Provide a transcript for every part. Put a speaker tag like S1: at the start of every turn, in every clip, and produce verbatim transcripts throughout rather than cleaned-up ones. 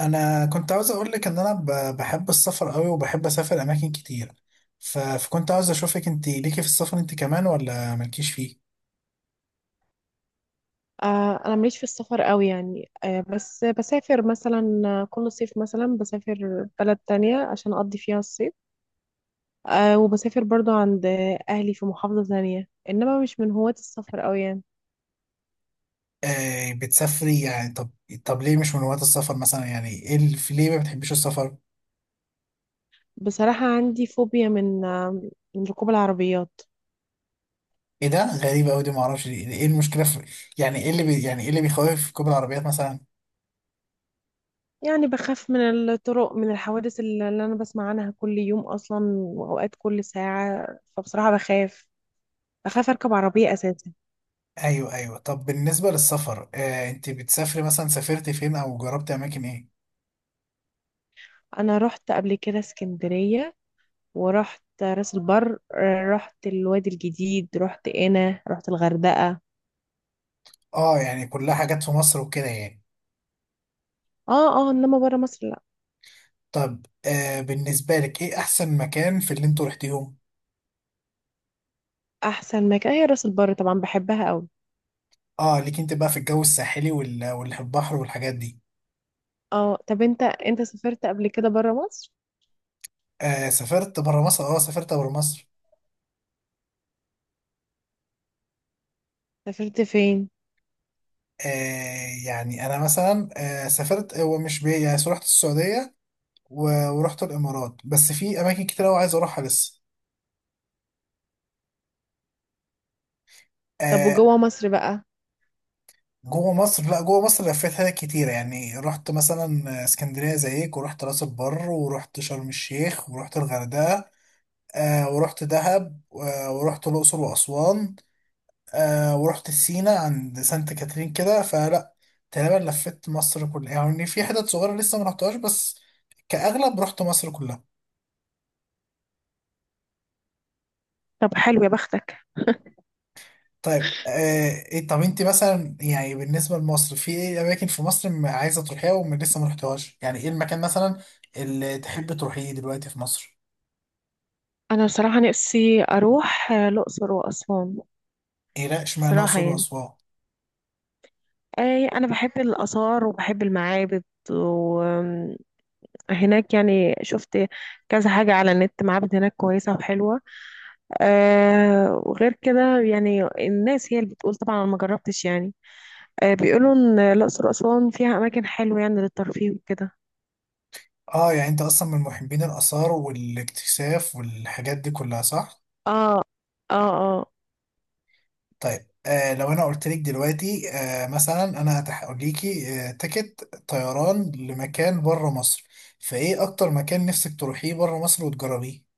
S1: انا كنت عاوز اقول لك ان انا ب- بحب السفر قوي، وبحب اسافر اماكن كتير. ف- فكنت عاوز اشوفك، انت ليكي في السفر انت كمان ولا مالكيش فيه؟
S2: آه، انا ماليش في السفر قوي يعني آه، بس بسافر مثلا آه، كل صيف مثلا بسافر بلد تانية عشان اقضي فيها الصيف. آه، وبسافر برضو عند آه، اهلي في محافظة تانية، انما مش من هواة السفر قوي يعني.
S1: آه، بتسافري يعني. طب طب ليه مش من وقت السفر مثلا، يعني ايه ال- في ليه ما بتحبيش السفر؟
S2: بصراحة عندي فوبيا من آه، من ركوب العربيات.
S1: ايه ده، غريبة قوي دي، ما اعرفش ليه. ايه المشكلة في؟ يعني ايه اللي بي يعني ايه اللي بيخوف في ركوب العربيات مثلا؟
S2: يعني بخاف من الطرق، من الحوادث اللي اللي انا بسمع عنها كل يوم اصلا، واوقات كل ساعة. فبصراحة بخاف، بخاف اركب عربية اساسا.
S1: ايوه، ايوه. طب بالنسبة للسفر، آه انت بتسافري مثلا، سافرتي فين او جربتي اماكن ايه؟
S2: انا رحت قبل كده اسكندرية، ورحت راس البر، آه، رحت الوادي الجديد، رحت قنا، رحت الغردقة.
S1: اه، يعني كلها حاجات في مصر وكده يعني.
S2: اه، اه، انما برا مصر لا.
S1: طب، آه بالنسبة لك ايه احسن مكان في اللي انتوا رحتيهم؟
S2: احسن مكان هي راس البر، طبعا بحبها قوي.
S1: اه، ليك انت بقى في الجو الساحلي وال- واللي في البحر والحاجات دي.
S2: اه. طب انت، انت سافرت قبل كده برا مصر؟
S1: آه، سافرت برا مصر، اه، سافرت برا مصر.
S2: سافرت فين؟
S1: آه يعني انا مثلا، آه سافرت، هو مش بي يعني، رحت السعودية، و- ورحت الامارات، بس في اماكن كتير قوي عايز اروحها لسه.
S2: طب
S1: آه.
S2: وجوه مصر بقى؟
S1: جوه مصر، لا، جوه مصر لفيتها كتير، يعني رحت مثلا آه، اسكندرية زيك، ورحت راس البر، ورحت شرم الشيخ، ورحت الغردقة، آه ورحت دهب، آه ورحت الأقصر وأسوان، آه ورحت سينا عند سانت كاترين كده، فلا، تقريبا لفيت مصر كلها، يعني في حتت صغيرة لسه ما رحتهاش بس، كأغلب رحت مصر كلها.
S2: طب حلو يا بختك.
S1: طيب، آه إيه- طب انت مثلا، يعني بالنسبة لمصر، في ايه أماكن في مصر م- عايزة تروحيها ولسه ما رحتهاش، يعني ايه المكان مثلا اللي تحب تروحيه دلوقتي في مصر؟
S2: انا بصراحه نفسي اروح آه، الاقصر واسوان.
S1: ايه، لا، اشمعنى
S2: بصراحه
S1: الأقصر
S2: يعني،
S1: وأسوان؟
S2: اي، انا بحب الاثار وبحب المعابد، وهناك يعني شفت كذا حاجه على النت، معابد هناك كويسه وحلوه. آه، وغير كده يعني الناس هي اللي بتقول، طبعا انا ما جربتش يعني. آه بيقولوا ان الاقصر واسوان فيها اماكن حلوه يعني للترفيه وكده.
S1: اه، يعني انت اصلا من محبين الآثار والاكتشاف والحاجات دي كلها، صح؟
S2: اه، اه، اه.
S1: طيب، آه لو انا قلت لك دلوقتي، آه مثلا، انا هقول ليكي آه تيكت طيران لمكان بره مصر، فايه اكتر مكان نفسك تروحيه بره مصر وتجربيه؟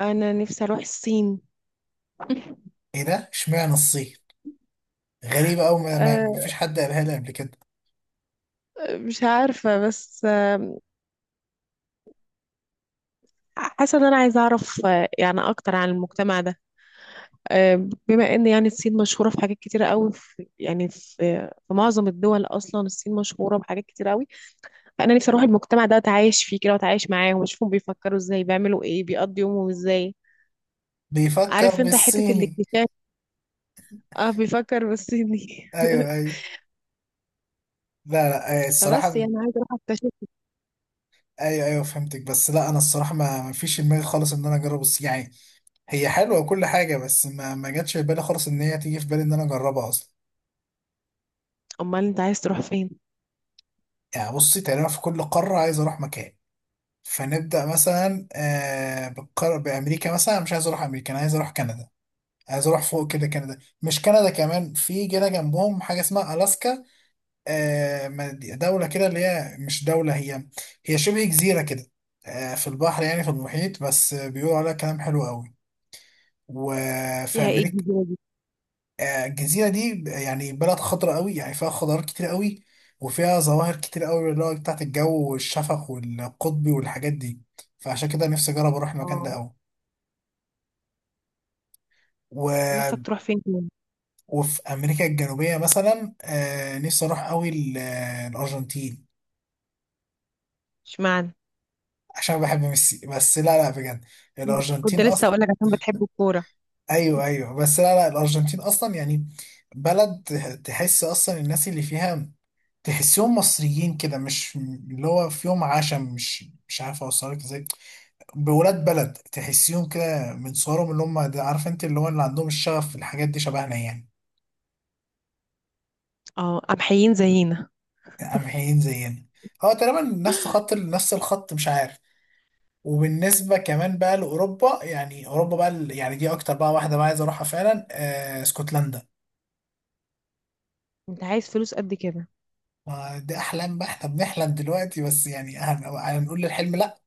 S2: انا نفسي اروح الصين.
S1: ايه ده، اشمعنى الصين؟ غريبة، او ما, ما
S2: آه
S1: ما فيش حد قالها لي قبل كده.
S2: مش عارفه، بس آه حاسه ان انا عايزه اعرف آه يعني اكتر عن المجتمع ده. آه بما ان يعني الصين مشهوره في حاجات كتيره قوي، في، يعني، في في معظم الدول اصلا الصين مشهوره بحاجات كتيره قوي. فانا نفسي اروح المجتمع ده واتعايش فيه كده، واتعايش معاهم، واشوفهم بيفكروا ازاي، بيعملوا ايه، بيقضوا يومهم ازاي.
S1: بيفكر
S2: عارف انت حتة
S1: بالصيني.
S2: الاكتشاف. اه، بيفكر بالصيني
S1: ايوه، ايوه. لا، لا، آه
S2: فبس
S1: الصراحة.
S2: يعني عايزة اروح اكتشف.
S1: ايوه، ايوه، فهمتك، بس لا، انا الصراحة ما, ما فيش في دماغي خالص ان انا اجرب الصين يعني، هي حلوة وكل حاجة، بس ما ما جاتش في بالي خالص ان هي تيجي في بالي ان انا اجربها اصلا.
S2: امال انت عايز تروح فين؟
S1: يعني بصي، تقريبا في كل قارة عايز اروح مكان، فنبدأ مثلا آه بالقار... بأمريكا مثلا، أنا مش عايز أروح أمريكا، أنا عايز أروح كندا. عايز أروح فوق كده، كندا. مش كندا، كمان في جنة جنبهم حاجة اسمها ألاسكا. آه مد- دولة كده، اللي هي مش دولة، هي، هي شبه جزيرة كده، آه في البحر، يعني في المحيط، بس بيقولوا عليها كلام حلو قوي. وفي
S2: فيها ايه
S1: أمريكا،
S2: الجزيرة دي؟
S1: آه، الجزيرة دي ب- يعني بلد خضراء قوي، يعني فيها خضار كتير قوي، وفيها ظواهر كتير قوي، اللي هو بتاعت الجو والشفق والقطبي والحاجات دي، فعشان كده نفسي أجرب أروح المكان
S2: اه.
S1: ده قوي. و...
S2: ونفسك تروح فين تاني؟
S1: وفي أمريكا الجنوبية مثلا، آه، نفسي أروح قوي ال- آه، الأرجنتين،
S2: اشمعنى؟
S1: عشان بحب ميسي. بس لا، لا، بجد،
S2: كنت
S1: الأرجنتين
S2: لسه
S1: أصلا،
S2: اقول لك عشان بتحب الكورة.
S1: أيوه، أيوه، بس لا، لا، الأرجنتين أصلا، يعني بلد تحس أصلا الناس اللي فيها، تحسهم مصريين كده، مش اللي هو فيهم عشم، مش مش عارف اوصلك ازاي. بولاد بلد، تحسيهم كده من صورهم، اللي هم، ده عارف انت، اللي هو اللي عندهم الشغف في الحاجات دي شبهنا يعني.
S2: اه، قمحيين زينا.
S1: قمحيين زينا. هو تقريبا نفس خط نفس الخط، مش عارف. وبالنسبة كمان بقى لأوروبا، يعني أوروبا بقى، ال- يعني دي أكتر بقى واحدة بقى عايز أروحها فعلا، آه اسكتلندا.
S2: انت عايز فلوس قد كده؟
S1: ما دي أحلام بقى، إحنا بنحلم دلوقتي بس، يعني هن- هنقول للحلم لأ.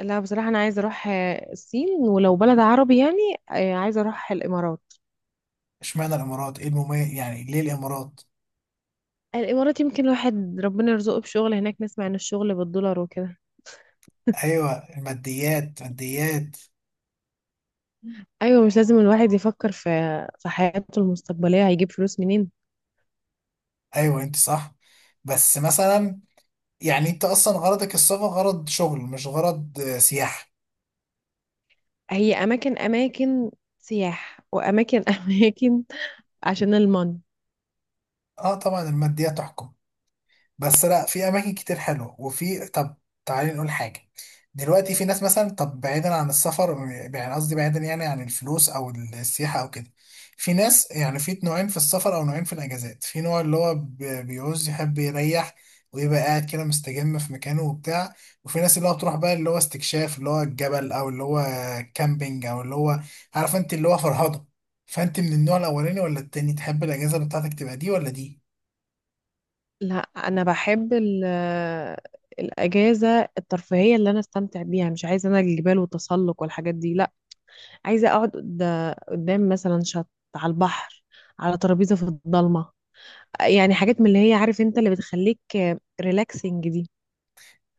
S2: لا بصراحة انا عايزة اروح آه، الصين، ولو بلد عربي يعني آه، عايزة اروح الامارات.
S1: اشمعنى الإمارات؟ إيه المميز يعني، ليه الإمارات؟
S2: الامارات يمكن الواحد ربنا يرزقه بشغل هناك، نسمع ان الشغل بالدولار وكده.
S1: ايوه. الماديات، ماديات.
S2: ايوه، مش لازم الواحد يفكر في في حياته المستقبليه هيجيب فلوس منين.
S1: ايوه، انت صح، بس مثلا، يعني انت اصلا غرضك السفر غرض شغل مش غرض آه، سياحه؟
S2: هي اماكن، اماكن سياح واماكن اماكن عشان المن.
S1: اه، طبعا الماديات تحكم، بس لا، في اماكن كتير حلوه، وفي. طب تعالي نقول حاجه، دلوقتي في ناس مثلا، طب بعيدا عن السفر، يعني قصدي بعيدا يعني عن الفلوس او السياحه او كده، في ناس، يعني في نوعين في السفر او نوعين في الاجازات، في نوع اللي هو ب- بيعوز يحب يريح ويبقى قاعد كده مستجم في مكانه وبتاع، وفي ناس اللي هو بتروح بقى اللي هو استكشاف، اللي هو الجبل، او اللي هو كامبينج، او اللي هو، عارف انت، اللي هو فرهضه. فانت من النوع الاولاني ولا التاني؟ تحب الاجازه بتاعتك تبقى دي ولا دي؟
S2: لا انا بحب ال- الاجازه الترفيهيه اللي انا استمتع بيها، مش عايزه انا الجبال والتسلق والحاجات دي، لا. عايزه اقعد قد- قدام مثلا شط، على البحر، على ترابيزه في الضلمه، يعني حاجات من اللي هي، عارف انت، اللي بتخليك ريلاكسنج دي.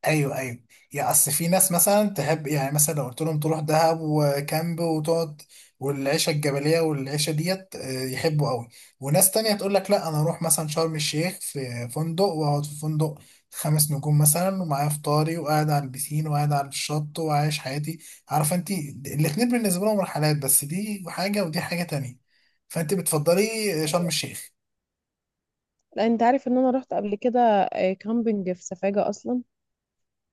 S1: ايوه، ايوه. يا اصل في ناس مثلا تحب، يعني مثلا لو قلت لهم تروح دهب وكامب وتقعد والعيشه الجبليه والعيشه ديت، آه، يحبوا قوي. وناس تانية تقول لك لا، انا اروح مثلا شرم الشيخ في فندق، واقعد في فندق خمس نجوم مثلا، ومعايا فطاري، وقاعد على البسين، وقاعد على الشط، وعايش حياتي. عارفه انت، الاتنين بالنسبه لهم رحلات، بس دي حاجه ودي حاجه تانية. فانت بتفضلي شرم الشيخ؟
S2: لا انت عارف ان انا رحت قبل كده آه، كامبينج في سفاجة اصلا.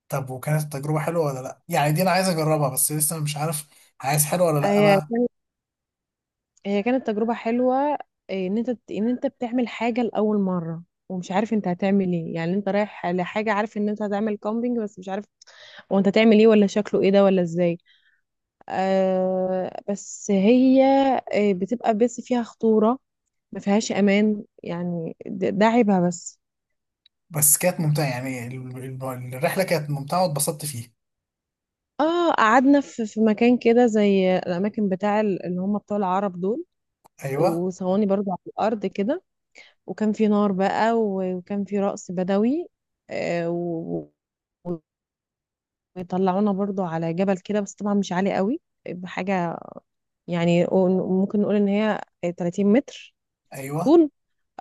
S1: طب وكانت التجربه حلوه ولا لا، يعني دي انا عايز اجربها بس لسه مش عارف، عايز حلوه ولا لا
S2: هي
S1: بقى.
S2: هي كانت تجربة حلوة. آه، ان انت ان انت بتعمل حاجة لأول مرة، ومش عارف انت هتعمل ايه. يعني انت رايح لحاجة، عارف ان انت هتعمل كامبينج بس مش عارف هو انت هتعمل ايه، ولا شكله ايه ده، ولا ازاي. آه بس هي آه، بتبقى بس فيها خطورة، ما فيهاش امان يعني، ده ده عيبها بس.
S1: بس كانت ممتعة، يعني ال- ال- الرحلة كانت ممتعة واتبسطت فيها.
S2: اه، قعدنا في في مكان كده زي الاماكن بتاع ال- اللي هم بتوع العرب دول،
S1: أيوه،
S2: وصواني برضو على الارض كده، وكان في نار بقى، و- وكان في رقص بدوي، آه، و- وطلعونا برضو على جبل كده، بس طبعا مش عالي قوي، بحاجة يعني ممكن نقول ان هي تلاتين متر
S1: أيوه.
S2: طول.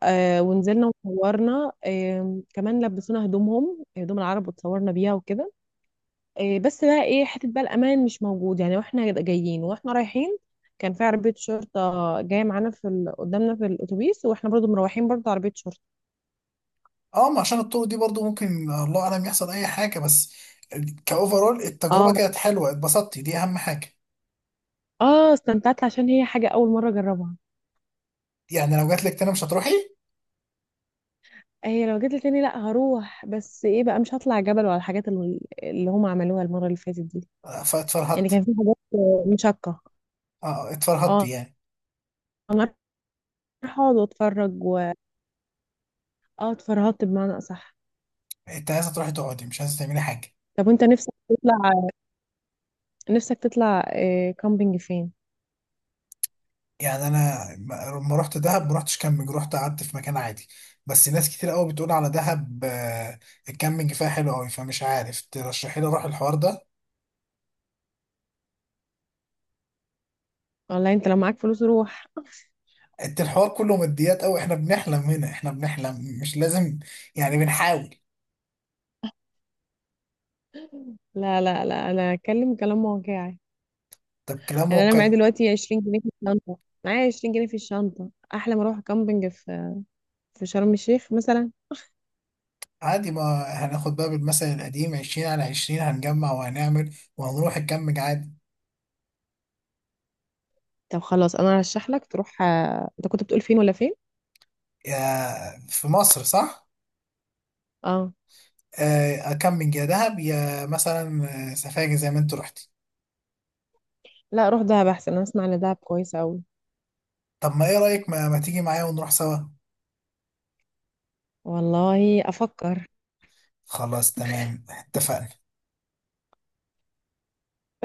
S2: آه، ونزلنا وصورنا، آم، كمان لبسونا هدومهم، هدوم العرب، وتصورنا بيها وكده. آه، بس بقى ايه، حتة بقى الأمان مش موجود يعني. واحنا جايين واحنا رايحين كان في عربية شرطة جاية معانا في ال- قدامنا في الأتوبيس، واحنا برضو مروحين برضو عربية شرطة.
S1: أه، ما عشان الطرق دي برضو ممكن الله أعلم يحصل أي حاجة، بس كأوفرول التجربة
S2: اه،
S1: كانت حلوة، اتبسطتي، دي أهم حاجة.
S2: اه، استمتعت عشان هي حاجة أول مرة أجربها.
S1: يعني لو جات لك تاني مش هتروحي؟
S2: هي لو جيت لي تاني لأ، هروح بس إيه بقى، مش هطلع جبل ولا الحاجات اللي اللي هم عملوها المرة اللي فاتت دي.
S1: آه،
S2: يعني
S1: فاتفرهدتي.
S2: كان في حاجات آه، مشقة.
S1: أه، اتفرهدتي
S2: اه.
S1: يعني.
S2: أنا رايحة أقعد وأتفرج و... اه، اتفرهدت بمعنى أصح.
S1: أنت عايزة تروحي تقعدي مش عايزة تعملي حاجة.
S2: طب وأنت، نفسك تطلع، نفسك تطلع آه، كامبينج فين؟
S1: يعني أنا لما رحت دهب ما رحتش كامبينج، رحت قعدت في مكان عادي، بس ناس كتير قوي بتقول على دهب، آه، الكامبينج فيها حلو قوي، فمش عارف، ترشحي لي أروح الحوار ده؟
S2: والله أنت لو معاك فلوس روح.
S1: انت الحوار كله ماديات قوي، احنا بنحلم هنا، احنا بنحلم مش لازم، يعني بنحاول.
S2: لا، لا، لا، أنا أتكلم كلام واقعي.
S1: طب كلام
S2: يعني أنا معايا
S1: واقعي.
S2: دلوقتي عشرين جنيه في الشنطة، معايا عشرين جنيه في الشنطة، أحلى ما أروح كامبينج في في شرم الشيخ مثلا.
S1: عادي، ما هناخد بقى بالمثل القديم، عشرين على عشرين، هنجمع وهنعمل وهنروح نكمج عادي.
S2: طب خلاص، انا هرشح لك تروح آه، انت كنت بتقول فين ولا فين؟
S1: يا في مصر، صح؟
S2: اه،
S1: آه، أكمج يا دهب، يا مثلا آه، سفاجة زي ما انت رحتي.
S2: لا، روح دهب احسن، انا اسمع ان دهب كويسه قوي.
S1: طب ما ايه رأيك، ما, ما تيجي معايا ونروح سوا؟
S2: والله افكر.
S1: خلاص، تمام، اتفقنا.